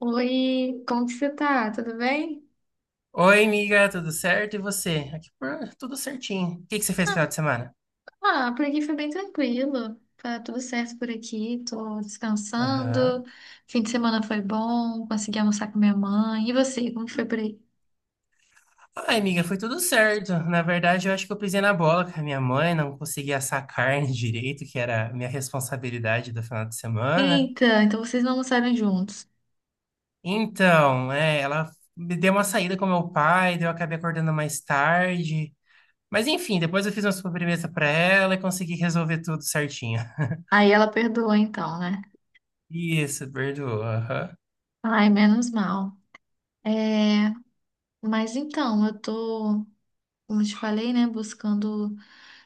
Oi, como que você tá? Tudo bem? Oi, amiga, tudo certo? E você? Aqui por tudo certinho. O que que você fez no final de semana? Ah, por aqui foi bem tranquilo. Tá tudo certo por aqui, tô Aham. descansando. Fim de semana foi bom, consegui almoçar com minha mãe. E você, como que foi por aí? Ai, amiga, foi tudo certo. Na verdade, eu acho que eu pisei na bola com a minha mãe, não consegui assar carne direito, que era a minha responsabilidade do final de semana. Eita, então vocês não almoçaram juntos. Então, é, ela me deu uma saída com meu pai, daí eu acabei acordando mais tarde. Mas enfim, depois eu fiz uma sobremesa pra ela e consegui resolver tudo certinho. Aí ela perdoa então, né? Isso, perdoa. Aham. Ai, menos mal. É, mas então, eu tô como eu te falei, né? Buscando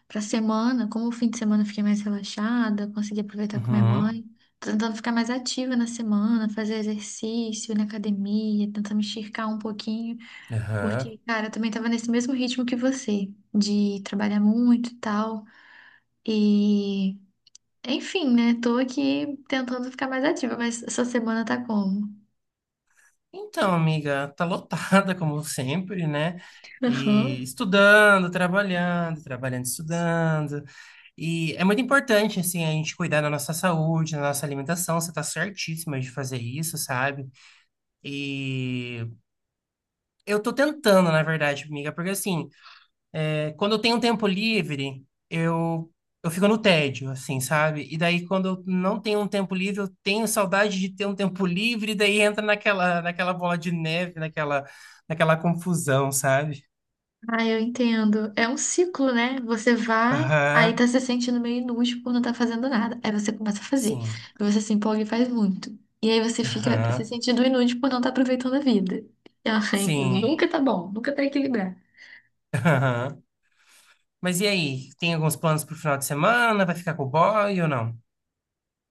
pra semana, como o fim de semana eu fiquei mais relaxada, consegui aproveitar com minha Uhum. mãe. Tô tentando ficar mais ativa na semana, fazer exercício ir na academia, tentar me esticar um pouquinho, Aham. porque, cara, eu também tava nesse mesmo ritmo que você, de trabalhar muito e tal. E, enfim, né? Tô aqui tentando ficar mais ativa, mas essa semana tá como? Então, amiga, tá lotada como sempre, né? E Aham. estudando, trabalhando, trabalhando, estudando. E é muito importante, assim, a gente cuidar da nossa saúde, da nossa alimentação. Você tá certíssima de fazer isso, sabe? E eu tô tentando, na verdade, amiga, porque assim. Quando eu tenho um tempo livre, eu fico no tédio, assim, sabe? E daí, quando eu não tenho um tempo livre, eu tenho saudade de ter um tempo livre, e daí entra naquela bola de neve, naquela confusão, sabe? Ah, eu entendo. É um ciclo, né? Você vai, aí tá Aham, se sentindo meio inútil por não tá fazendo nada. Aí você começa a fazer. sim. Aí você se empolga e faz muito. E aí você fica se Aham, sentindo inútil por não tá aproveitando a vida. E, ai, sim. nunca tá. Aham. Mas e aí? Tem alguns planos pro final de semana? Vai ficar com o boy ou não?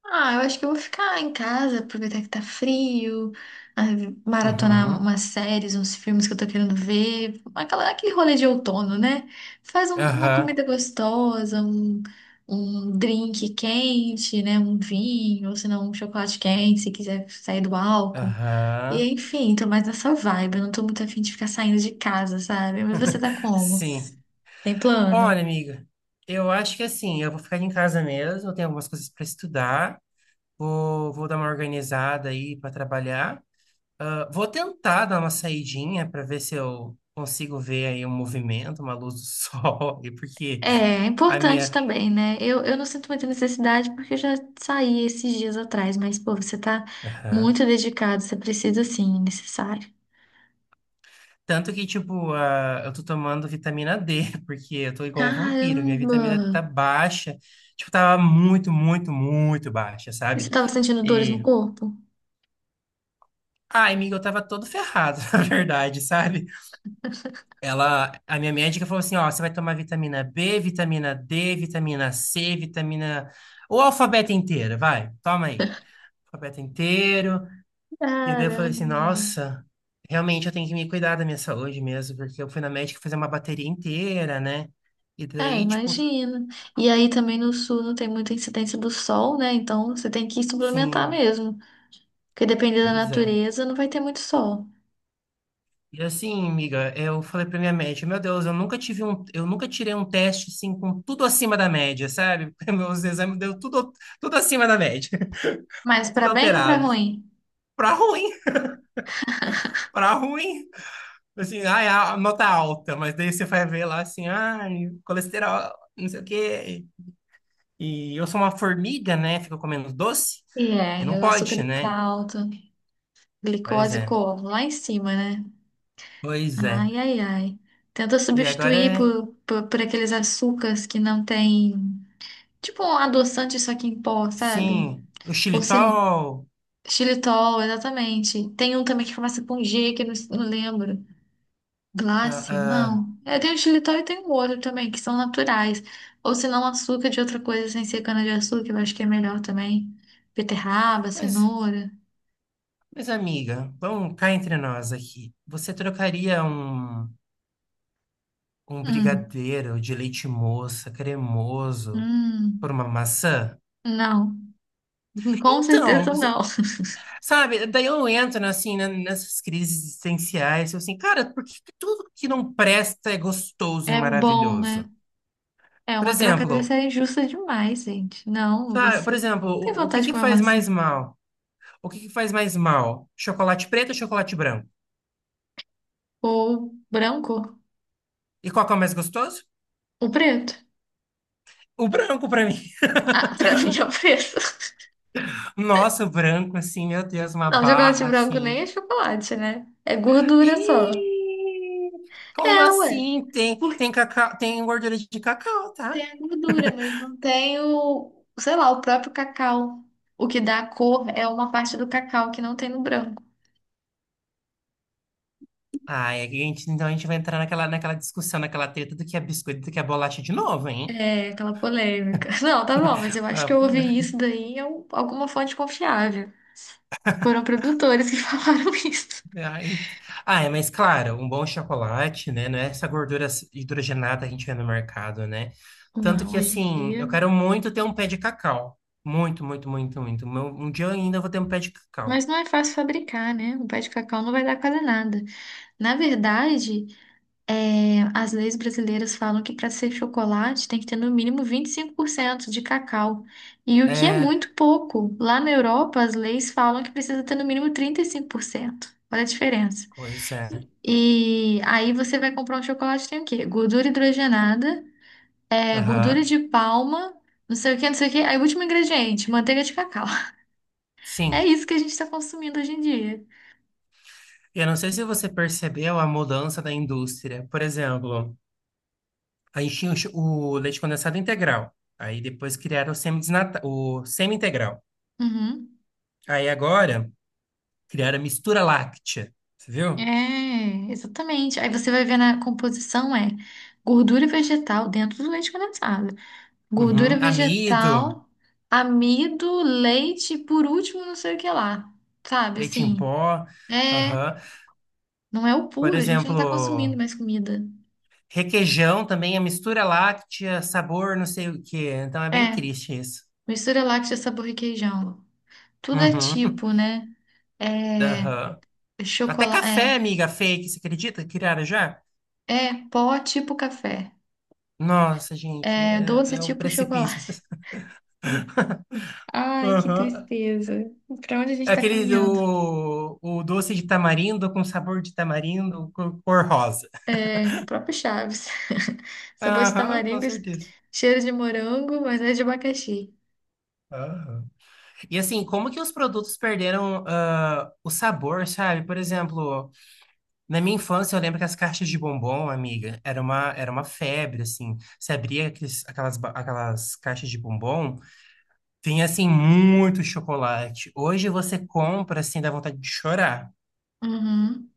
Ah, eu acho que eu vou ficar em casa, aproveitar que tá frio, ah, maratonar Uhum. umas séries, uns filmes que eu tô querendo ver, aquele rolê de outono, né? Faz uma Aham, comida gostosa, um drink quente, né? Um vinho, ou se não, um chocolate quente, se quiser sair do álcool. E aham. enfim, tô mais nessa vibe, eu não tô muito afim de ficar saindo de casa, sabe? Mas você tá como? Sim. Tem plano? Olha, amiga, eu acho que assim, eu vou ficar em casa mesmo, eu tenho algumas coisas para estudar, vou dar uma organizada aí para trabalhar. Ah, vou tentar dar uma saidinha para ver se eu consigo ver aí um movimento, uma luz do sol, e porque É, é a importante minha. também, né? Eu não sinto muita necessidade porque eu já saí esses dias atrás, mas, pô, você tá Aham. muito dedicado, você precisa sim, é necessário. Tanto que, tipo, eu tô tomando vitamina D, porque eu tô igual um vampiro, minha Caramba! vitamina D tá baixa, tipo, tava muito, muito, muito baixa, E você sabe? tava sentindo dores no E. corpo? Ai, amiga, eu tava todo ferrado, na verdade, sabe? Ela, a minha médica falou assim, ó, você vai tomar vitamina B, vitamina D, vitamina C, vitamina... O alfabeto inteiro, vai, toma aí. Alfabeto inteiro. E daí eu Caramba! falei assim, nossa, realmente eu tenho que me cuidar da minha saúde mesmo, porque eu fui na médica fazer uma bateria inteira, né? E É, daí, tipo, imagina. E aí também no sul não tem muita incidência do sol, né? Então você tem que suplementar sim, mesmo, porque dependendo da pois é. natureza não vai ter muito sol. E assim, amiga, eu falei pra minha médica, meu Deus, eu nunca tirei um teste, assim, com tudo acima da média, sabe? Meus exames deu tudo, tudo acima da média, Mas pra tudo bem ou pra alterado. ruim? Pra ruim, pra ruim. Assim, ai, a nota alta, mas daí você vai ver lá assim, ai, colesterol, não sei o quê. E eu sou uma formiga, né? Fico comendo doce E e não é, o açúcar pode, tá né? alto, Pois glicose é, como? Lá em cima, né? pois é. Ai, ai, ai. Tenta E agora, substituir por aqueles açúcares que não tem. Tipo um adoçante, só que em pó, sabe? sim, o Ou se. xilitol, Xilitol, exatamente. Tem um também que começa com G, que eu não lembro. ah, Glácia? ah, Não. É, tem o xilitol e tem um outro também, que são naturais. Ou se não, açúcar de outra coisa sem ser cana-de-açúcar, eu acho que é melhor também. Beterraba, mas, cenoura. mas amiga, vamos cá entre nós aqui. Você trocaria um Hum, brigadeiro de leite moça cremoso por hum. uma maçã? Não. Com Então, certeza não. sabe, daí eu entro, né, assim, né, nessas crises existenciais, eu assim, cara, por que que tudo que não presta é gostoso e É bom, maravilhoso? né? É, Por uma troca exemplo, dessa é injusta demais, gente. Não, sabe, por você exemplo, tem o que vontade de que comer faz maçã. mais mal? O que que faz mais mal? Chocolate preto ou chocolate branco? Ou branco. E qual que é o mais gostoso? Ou preto. O branco pra mim. Ah, pra mim é o preto. Nossa, o branco, assim, meu Deus, uma Não, chocolate barra, branco nem assim. é chocolate, né? É gordura só. Ih, como É, ué. assim? Tem, Porque tem cacau, tem gordura de cacau, tá? tem a gordura, mas não tem o, sei lá, o próprio cacau. O que dá a cor é uma parte do cacau que não tem no branco. Ai, a gente, então a gente vai entrar naquela discussão, naquela treta do que é biscoito, do que é bolacha de novo, hein? É aquela polêmica. Não, tá bom, mas eu acho Ah, que eu pô, ouvi isso daí em alguma fonte confiável. Foram produtores que falaram isso. ai, ai, mas claro, um bom chocolate, né? Não é essa gordura hidrogenada que a gente vê no mercado, né? Tanto Não, que, hoje em assim, eu dia. quero muito ter um pé de cacau. Muito, muito, muito, muito. Meu- um dia eu ainda vou ter um pé de cacau. Mas não é fácil fabricar, né? O pé de cacau não vai dar quase nada. Na verdade, é, as leis brasileiras falam que para ser chocolate tem que ter no mínimo 25% de cacau. E o que é É, muito pouco. Lá na Europa, as leis falam que precisa ter no mínimo 35%. Olha a diferença. pois é. E aí você vai comprar um chocolate, tem o quê? Gordura hidrogenada, é, gordura Aham, de palma, não sei o quê, não sei o quê. Aí o último ingrediente, manteiga de cacau. É sim. isso que a gente está consumindo hoje em dia. Eu não sei se você percebeu a mudança da indústria. Por exemplo. Aí tinha o leite condensado integral. Aí depois criaram o semi-integral. Uhum. Aí agora criaram a mistura láctea. Você viu? É, exatamente. Aí você vai ver na composição é gordura vegetal dentro do leite condensado. Uhum. Gordura Amido, vegetal, amido, leite, e por último, não sei o que lá. Sabe, leite em assim, pó. é, Aham. não é o Por puro, a gente não tá consumindo exemplo, mais comida. requeijão também a mistura láctea, sabor não sei o quê. Então é bem É, triste isso. mistura láctea, sabor e queijão. Tudo é Uhum. tipo, né? É, Aham. Até café, chocolate, amiga fake, você acredita que criaram já? é pó tipo café. Nossa, gente, É é, doce é um tipo precipício. chocolate. Ai, que Aham. tristeza. Pra onde a É gente tá aquele caminhando? do o doce de tamarindo com sabor de tamarindo, cor rosa. É, próprio Chaves. Sabor de Aham, com tamaringo, certeza. cheiro de morango, mas é de abacaxi. Aham. E assim, como que os produtos perderam o sabor, sabe? Por exemplo, na minha infância eu lembro que as caixas de bombom, amiga, era uma febre, assim. Você abria aquelas caixas de bombom, tinha assim muito chocolate. Hoje você compra, assim, dá vontade de chorar. Uhum.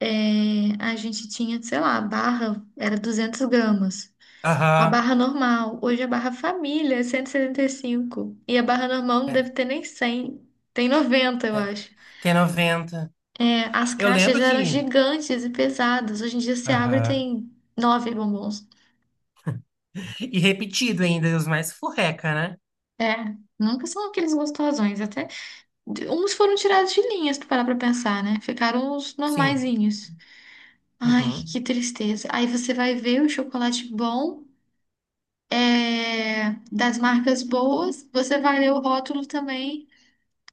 É, a gente tinha, sei lá, a barra era 200 gramas. A Aham, barra normal, hoje a barra família é cento e setenta e cinco. E a barra normal não deve é, ter nem 100. Tem 90, eu é. acho. Tem 90. É, as Eu caixas lembro eram que. gigantes e pesadas. Hoje em dia você abre e Aham. tem nove bombons. E repetido ainda, os mais furreca, né? É, nunca são aqueles gostosões, até. Uns foram tirados de linhas, pra parar pra pensar, né? Ficaram os Sim. normaizinhos. Ai, Uhum. que tristeza. Aí você vai ver o chocolate bom, é, das marcas boas, você vai ler o rótulo também,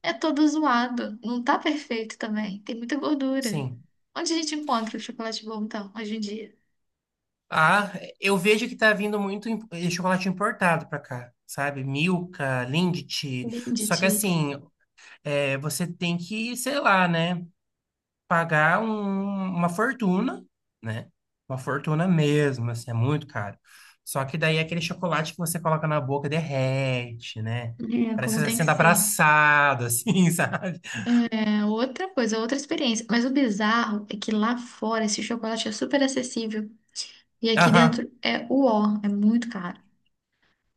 é todo zoado. Não tá perfeito também, tem muita gordura. Sim. Onde a gente encontra o chocolate bom, então, hoje em dia? Ah, eu vejo que tá vindo muito chocolate importado pra cá, sabe? Milka, Lindt. Linde, Só que tia. assim, você tem que, sei lá, né? Pagar uma fortuna, né? Uma fortuna mesmo, assim, é muito caro. Só que daí é aquele chocolate que você coloca na boca e derrete, né? É, Parece que como você está tem que sendo ser. abraçado, assim, sabe? É outra coisa, outra experiência. Mas o bizarro é que lá fora esse chocolate é super acessível. E aqui Aham. dentro é o ó, é muito caro.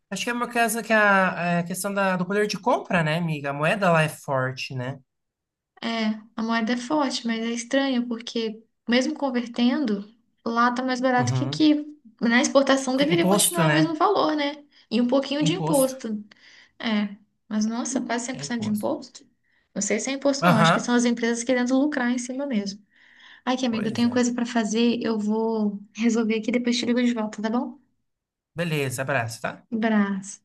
Acho que é uma casa que a questão do poder de compra, né, amiga? A moeda lá é forte, né? É, a moeda é forte, mas é estranho porque mesmo convertendo, lá tá mais barato que Uhum. aqui. Na exportação deveria Imposto, continuar o mesmo né? valor, né? E um pouquinho de Imposto. imposto. É, mas nossa, quase cem É por cento de imposto. imposto? Não sei se é imposto não, acho que são Aham. as empresas querendo lucrar em cima mesmo. Ai, que amigo, eu Pois tenho é. coisa pra fazer, eu vou resolver aqui, depois te ligo de volta, tá bom? Beleza, abraço, tá? Abraço.